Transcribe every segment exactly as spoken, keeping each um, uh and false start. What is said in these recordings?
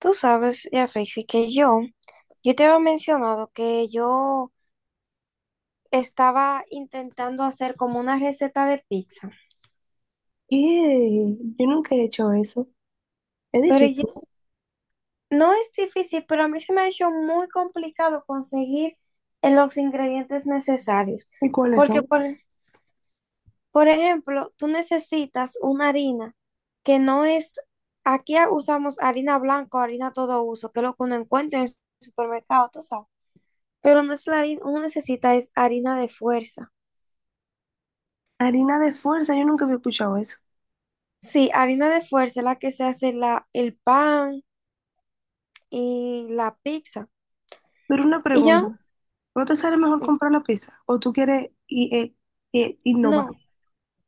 Tú sabes, ya, Rexy, que yo, yo te había mencionado que yo estaba intentando hacer como una receta de pizza, ¿Qué? Yo nunca he hecho eso. Es pero difícil. yo- no es difícil, pero a mí se me ha hecho muy complicado conseguir eh, los ingredientes necesarios, ¿Y cuáles porque son? por, por ejemplo, tú necesitas una harina que no es, aquí usamos harina blanca o harina todo uso, que es lo que uno encuentra en el supermercado, tú sabes, pero no es la harina, uno necesita es harina de fuerza. Harina de fuerza, yo nunca había escuchado eso. Sí, harina de fuerza es la que se hace la, el pan y la pizza. Pero una Y pregunta, yo, ¿no te sale mejor comprar la pizza? ¿O tú quieres i- eh, eh, innovar? no,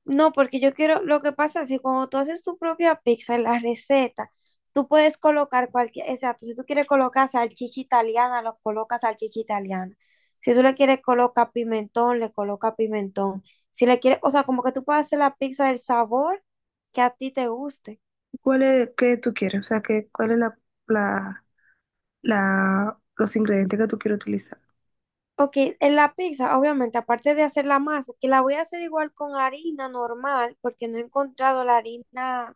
no, porque yo quiero, lo que pasa es que cuando tú haces tu propia pizza, en la receta, tú puedes colocar cualquier, exacto, si tú quieres colocar salchicha italiana, lo colocas salchicha italiana. Si tú le quieres colocar pimentón, le coloca pimentón. Si le quieres, o sea, como que tú puedes hacer la pizza del sabor que a ti te guste. ¿Cuál es, qué tú quieres? O sea, ¿qué, cuál es la, la, la- los ingredientes que tú quieres utilizar? Ok, en la pizza, obviamente, aparte de hacer la masa, que la voy a hacer igual con harina normal, porque no he encontrado la harina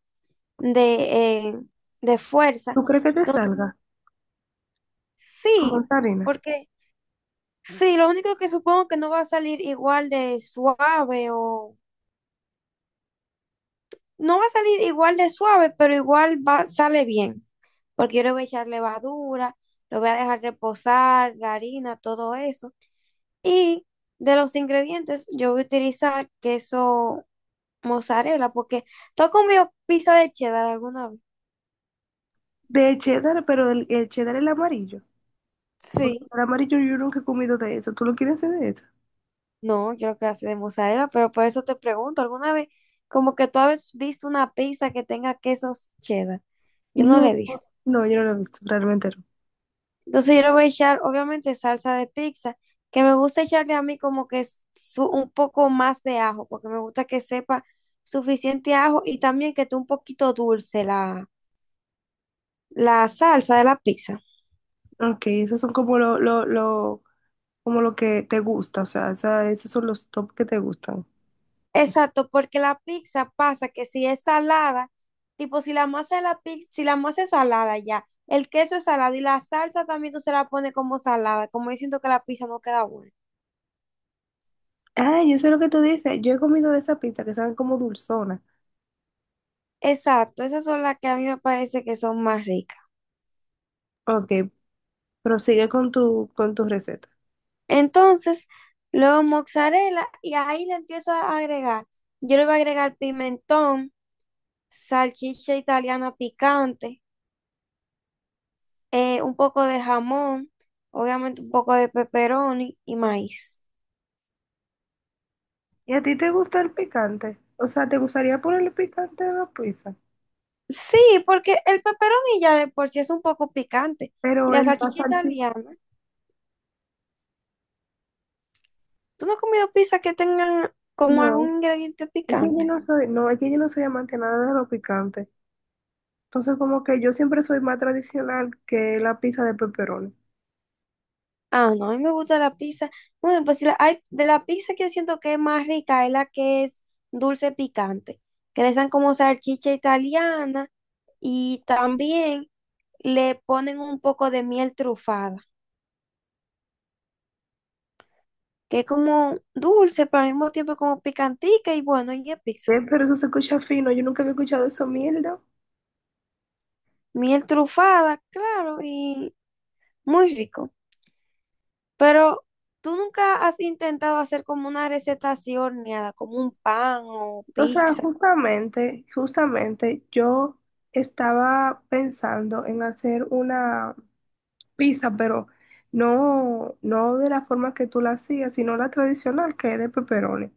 de, eh, de fuerza. ¿Tú crees que te salga con Sí, esa harina? porque sí, lo único que supongo que no va a salir igual de suave o no va a salir igual de suave, pero igual va, sale bien, porque yo le voy a echar levadura, lo voy a dejar reposar, la harina, todo eso. Y de los ingredientes, yo voy a utilizar queso mozzarella, porque tú has comido pizza de cheddar alguna vez. De cheddar, pero el, el cheddar es el amarillo. Porque Sí, el amarillo yo nunca he comido de eso. ¿Tú lo quieres hacer de eso? no, creo que hace de mozzarella, pero por eso te pregunto, ¿alguna vez como que tú has visto una pizza que tenga quesos cheddar? Yo no la he No, visto. no, yo no lo he visto, realmente no. Entonces yo le voy a echar, obviamente, salsa de pizza, que me gusta echarle a mí como que es su- un poco más de ajo, porque me gusta que sepa suficiente ajo y también que esté un poquito dulce la, la salsa de la pizza. Ok, esos son como lo, lo, lo, como lo que te gusta, o sea, esa- esos son los top que te gustan. Exacto, porque la pizza pasa que si es salada, tipo si la masa de la pizza, si la masa es salada ya, el queso es salado y la salsa también tú se la pones como salada, como yo siento que la pizza no queda buena. Ah, yo sé lo que tú dices, yo he comido de esa pizza que saben como dulzona. Exacto, esas son las que a mí me parece que son más ricas. Ok, prosigue con tu, con tu receta. Entonces, luego mozzarella y ahí le empiezo a agregar. Yo le voy a agregar pimentón, salchicha italiana picante, eh, un poco de jamón, obviamente un poco de pepperoni y maíz. ¿Y a ti te gusta el picante? O sea, ¿te gustaría ponerle picante a la pizza? Sí, porque el pepperoni ya de por sí es un poco picante. Y Pero la el la salchicha salchicha, italiana, ¿tú no has comido pizza que tengan como algún no. ingrediente Es que yo picante? no soy, no, es que yo no soy amante nada de lo picante. Entonces, como que yo siempre soy más tradicional que la pizza de pepperoni. Ah, no, a mí me gusta la pizza. Bueno, pues si la- hay, de la pizza que yo siento que es más rica es la que es dulce picante, que le dan como salchicha italiana y también le ponen un poco de miel trufada, que es como dulce, pero al mismo tiempo como picantica y bueno, y es Eh, pizza. Pero eso se escucha fino, yo nunca había escuchado eso, mierda. Miel trufada, claro, y muy rico. Pero tú nunca has intentado hacer como una receta así horneada, como un pan o O sea, pizza. justamente, justamente yo estaba pensando en hacer una pizza, pero no, no de la forma que tú la hacías, sino la tradicional, que es de pepperoni,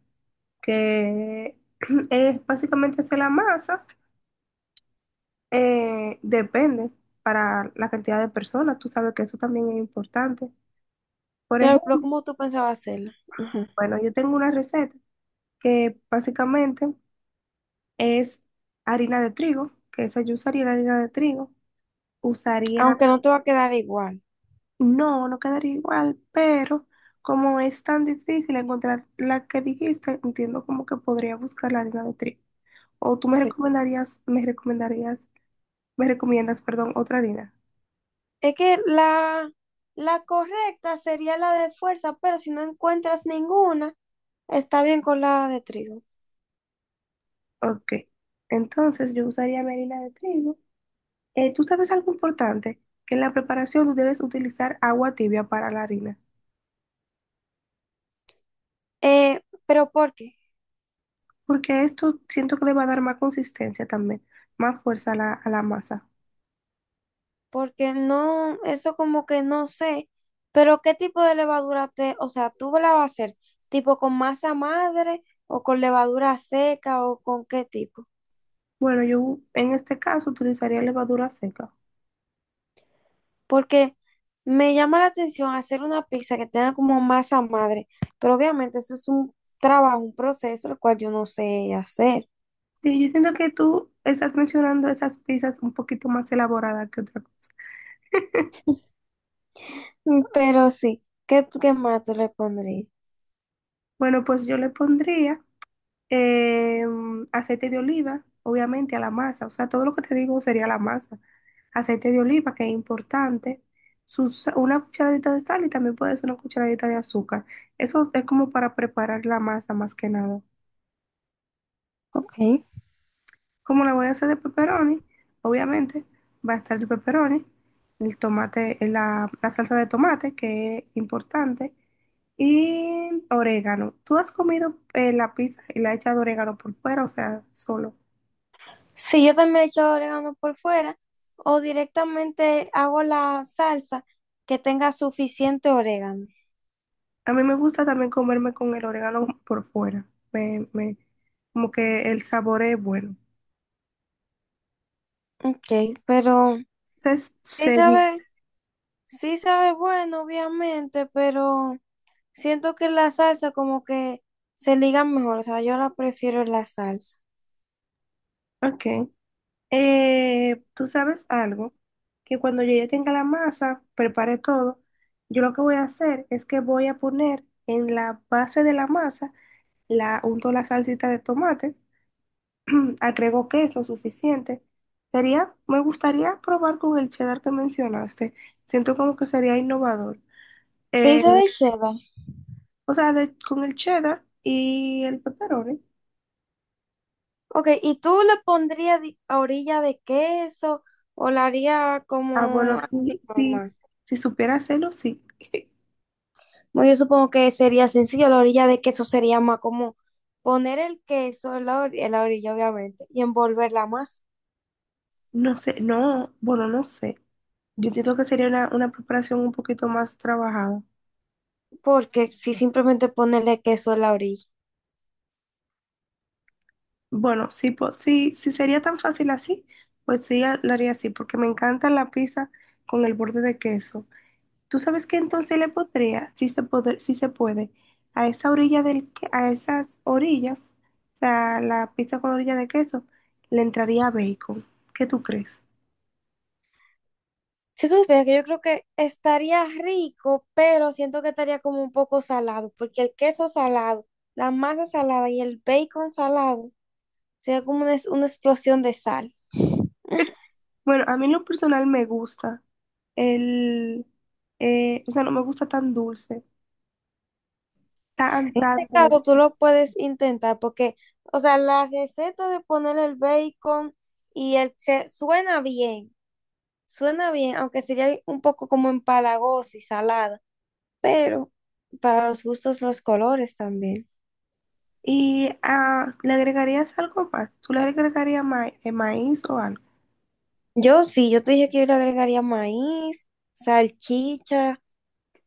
que es básicamente hacer la masa, eh, depende para la cantidad de personas, tú sabes que eso también es importante. Por Claro, pero ejemplo, ¿cómo tú pensabas hacerla? Ujú. bueno, yo tengo una receta que básicamente es harina de trigo, que esa yo usaría la harina de trigo usaría, Aunque no te va a quedar igual. no, no quedaría igual, pero como es tan difícil encontrar la que dijiste, entiendo como que podría buscar la harina de trigo. O tú me Ok. recomendarías, me recomendarías, me recomiendas, perdón, otra harina. Es que la, la correcta sería la de fuerza, pero si no encuentras ninguna, está bien con la de trigo. Ok, entonces yo usaría mi harina de trigo. Eh, tú sabes algo importante, que en la preparación tú debes utilizar agua tibia para la harina, Eh, ¿pero por qué? porque esto siento que le va a dar más consistencia también, más fuerza a la, a la masa. Porque no, eso como que no sé, pero ¿qué tipo de levadura te, o sea, tú la vas a hacer, tipo con masa madre o con levadura seca o con qué tipo? Bueno, yo en este caso utilizaría levadura seca. Porque me llama la atención hacer una pizza que tenga como masa madre, pero obviamente eso es un trabajo, un proceso, el cual yo no sé hacer. Sí, yo siento que tú estás mencionando esas pizzas un poquito más elaboradas que otra cosa. Mm, pero sí, ¿qué, qué más tú le pondrías? Bueno, pues yo le pondría eh, aceite de oliva, obviamente, a la masa. O sea, todo lo que te digo sería la masa. Aceite de oliva, que es importante. Sus, una cucharadita de sal y también puedes una cucharadita de azúcar. Eso es como para preparar la masa más que nada. Ok. Como la voy a hacer de pepperoni, obviamente va a estar el pepperoni, el tomate, la, la salsa de tomate, que es importante, y orégano. ¿Tú has comido eh, la pizza y la hecha de orégano por fuera, o sea, solo? Sí, yo también echo orégano por fuera o directamente hago la salsa que tenga suficiente orégano. A mí me gusta también comerme con el orégano por fuera. Me, me- Como que el sabor es bueno. Ok, pero Entonces, sí seguí. sabe, sí sabe bueno, obviamente, pero siento que la salsa como que se liga mejor, o sea, yo la prefiero en la salsa. Ok. Eh, tú sabes algo, que cuando yo ya tenga la masa, prepare todo, yo lo que voy a hacer es que voy a poner en la base de la masa, la unto la salsita de tomate, agrego queso suficiente. Sería, me gustaría probar con el cheddar que mencionaste. Siento como que sería innovador. Eh, Pizza de cheddar. o sea, de- con el cheddar y el pepperoni. Ok, ¿y tú le pondrías di- a orilla de queso o la haría Ah, como bueno, sí, así sí, normal? si supiera hacerlo, sí. Bueno, yo supongo que sería sencillo, la orilla de queso sería más como poner el queso en la, or- en la orilla, obviamente, y envolverla más, No sé, no, bueno, no sé. Yo entiendo que sería una, una preparación un poquito más trabajada. porque si simplemente ponerle queso en la orilla. Bueno, sí, po- sí, si sería tan fácil así, pues sí, a- lo haría así, porque me encanta la pizza con el borde de queso. ¿Tú sabes qué entonces le podría, si se puede, si se puede, a esa orilla del, que- a esas orillas, o sea, la pizza con orilla de queso, le entraría bacon. ¿Qué tú crees? Si tú supieras que yo creo que estaría rico, pero siento que estaría como un poco salado, porque el queso salado, la masa salada y el bacon salado, sería como una, una explosión de sal. Bueno, a mí en lo personal me gusta. El, eh, o sea, no me gusta tan dulce, tan, En tan este caso, tú dulce. lo puedes intentar porque, o sea, la receta de poner el bacon y el se suena bien, suena bien, aunque sería un poco como empalagosa y salada, pero para los gustos, los colores también. Y ah, ¿le agregarías algo más? ¿Tú le agregarías ma- eh, maíz o algo? Yo sí, yo te dije que yo le agregaría maíz, salchicha,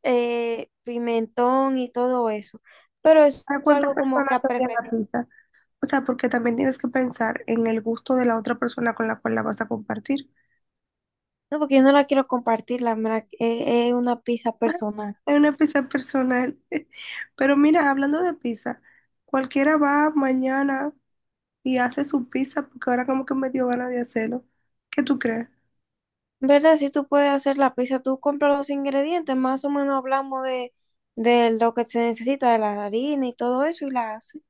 eh, pimentón y todo eso, pero eso ¿Para es cuántas algo como que personas a hacían la preferencia, pizza? O sea, porque también tienes que pensar en el gusto de la otra persona con la cual la vas a compartir. no, porque yo no la quiero compartir, la, me la- eh, es una pizza Ah, personal. es una pizza personal. Pero mira, hablando de pizza, cualquiera va mañana y hace su pizza porque ahora como que me dio ganas de hacerlo. ¿Qué tú crees? ¿Verdad? Si tú puedes hacer la pizza, tú compras los ingredientes, más o menos hablamos de, de lo que se necesita, de la harina y todo eso, y la hace.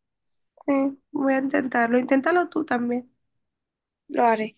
Sí, voy a intentarlo. Inténtalo tú también. Lo haré.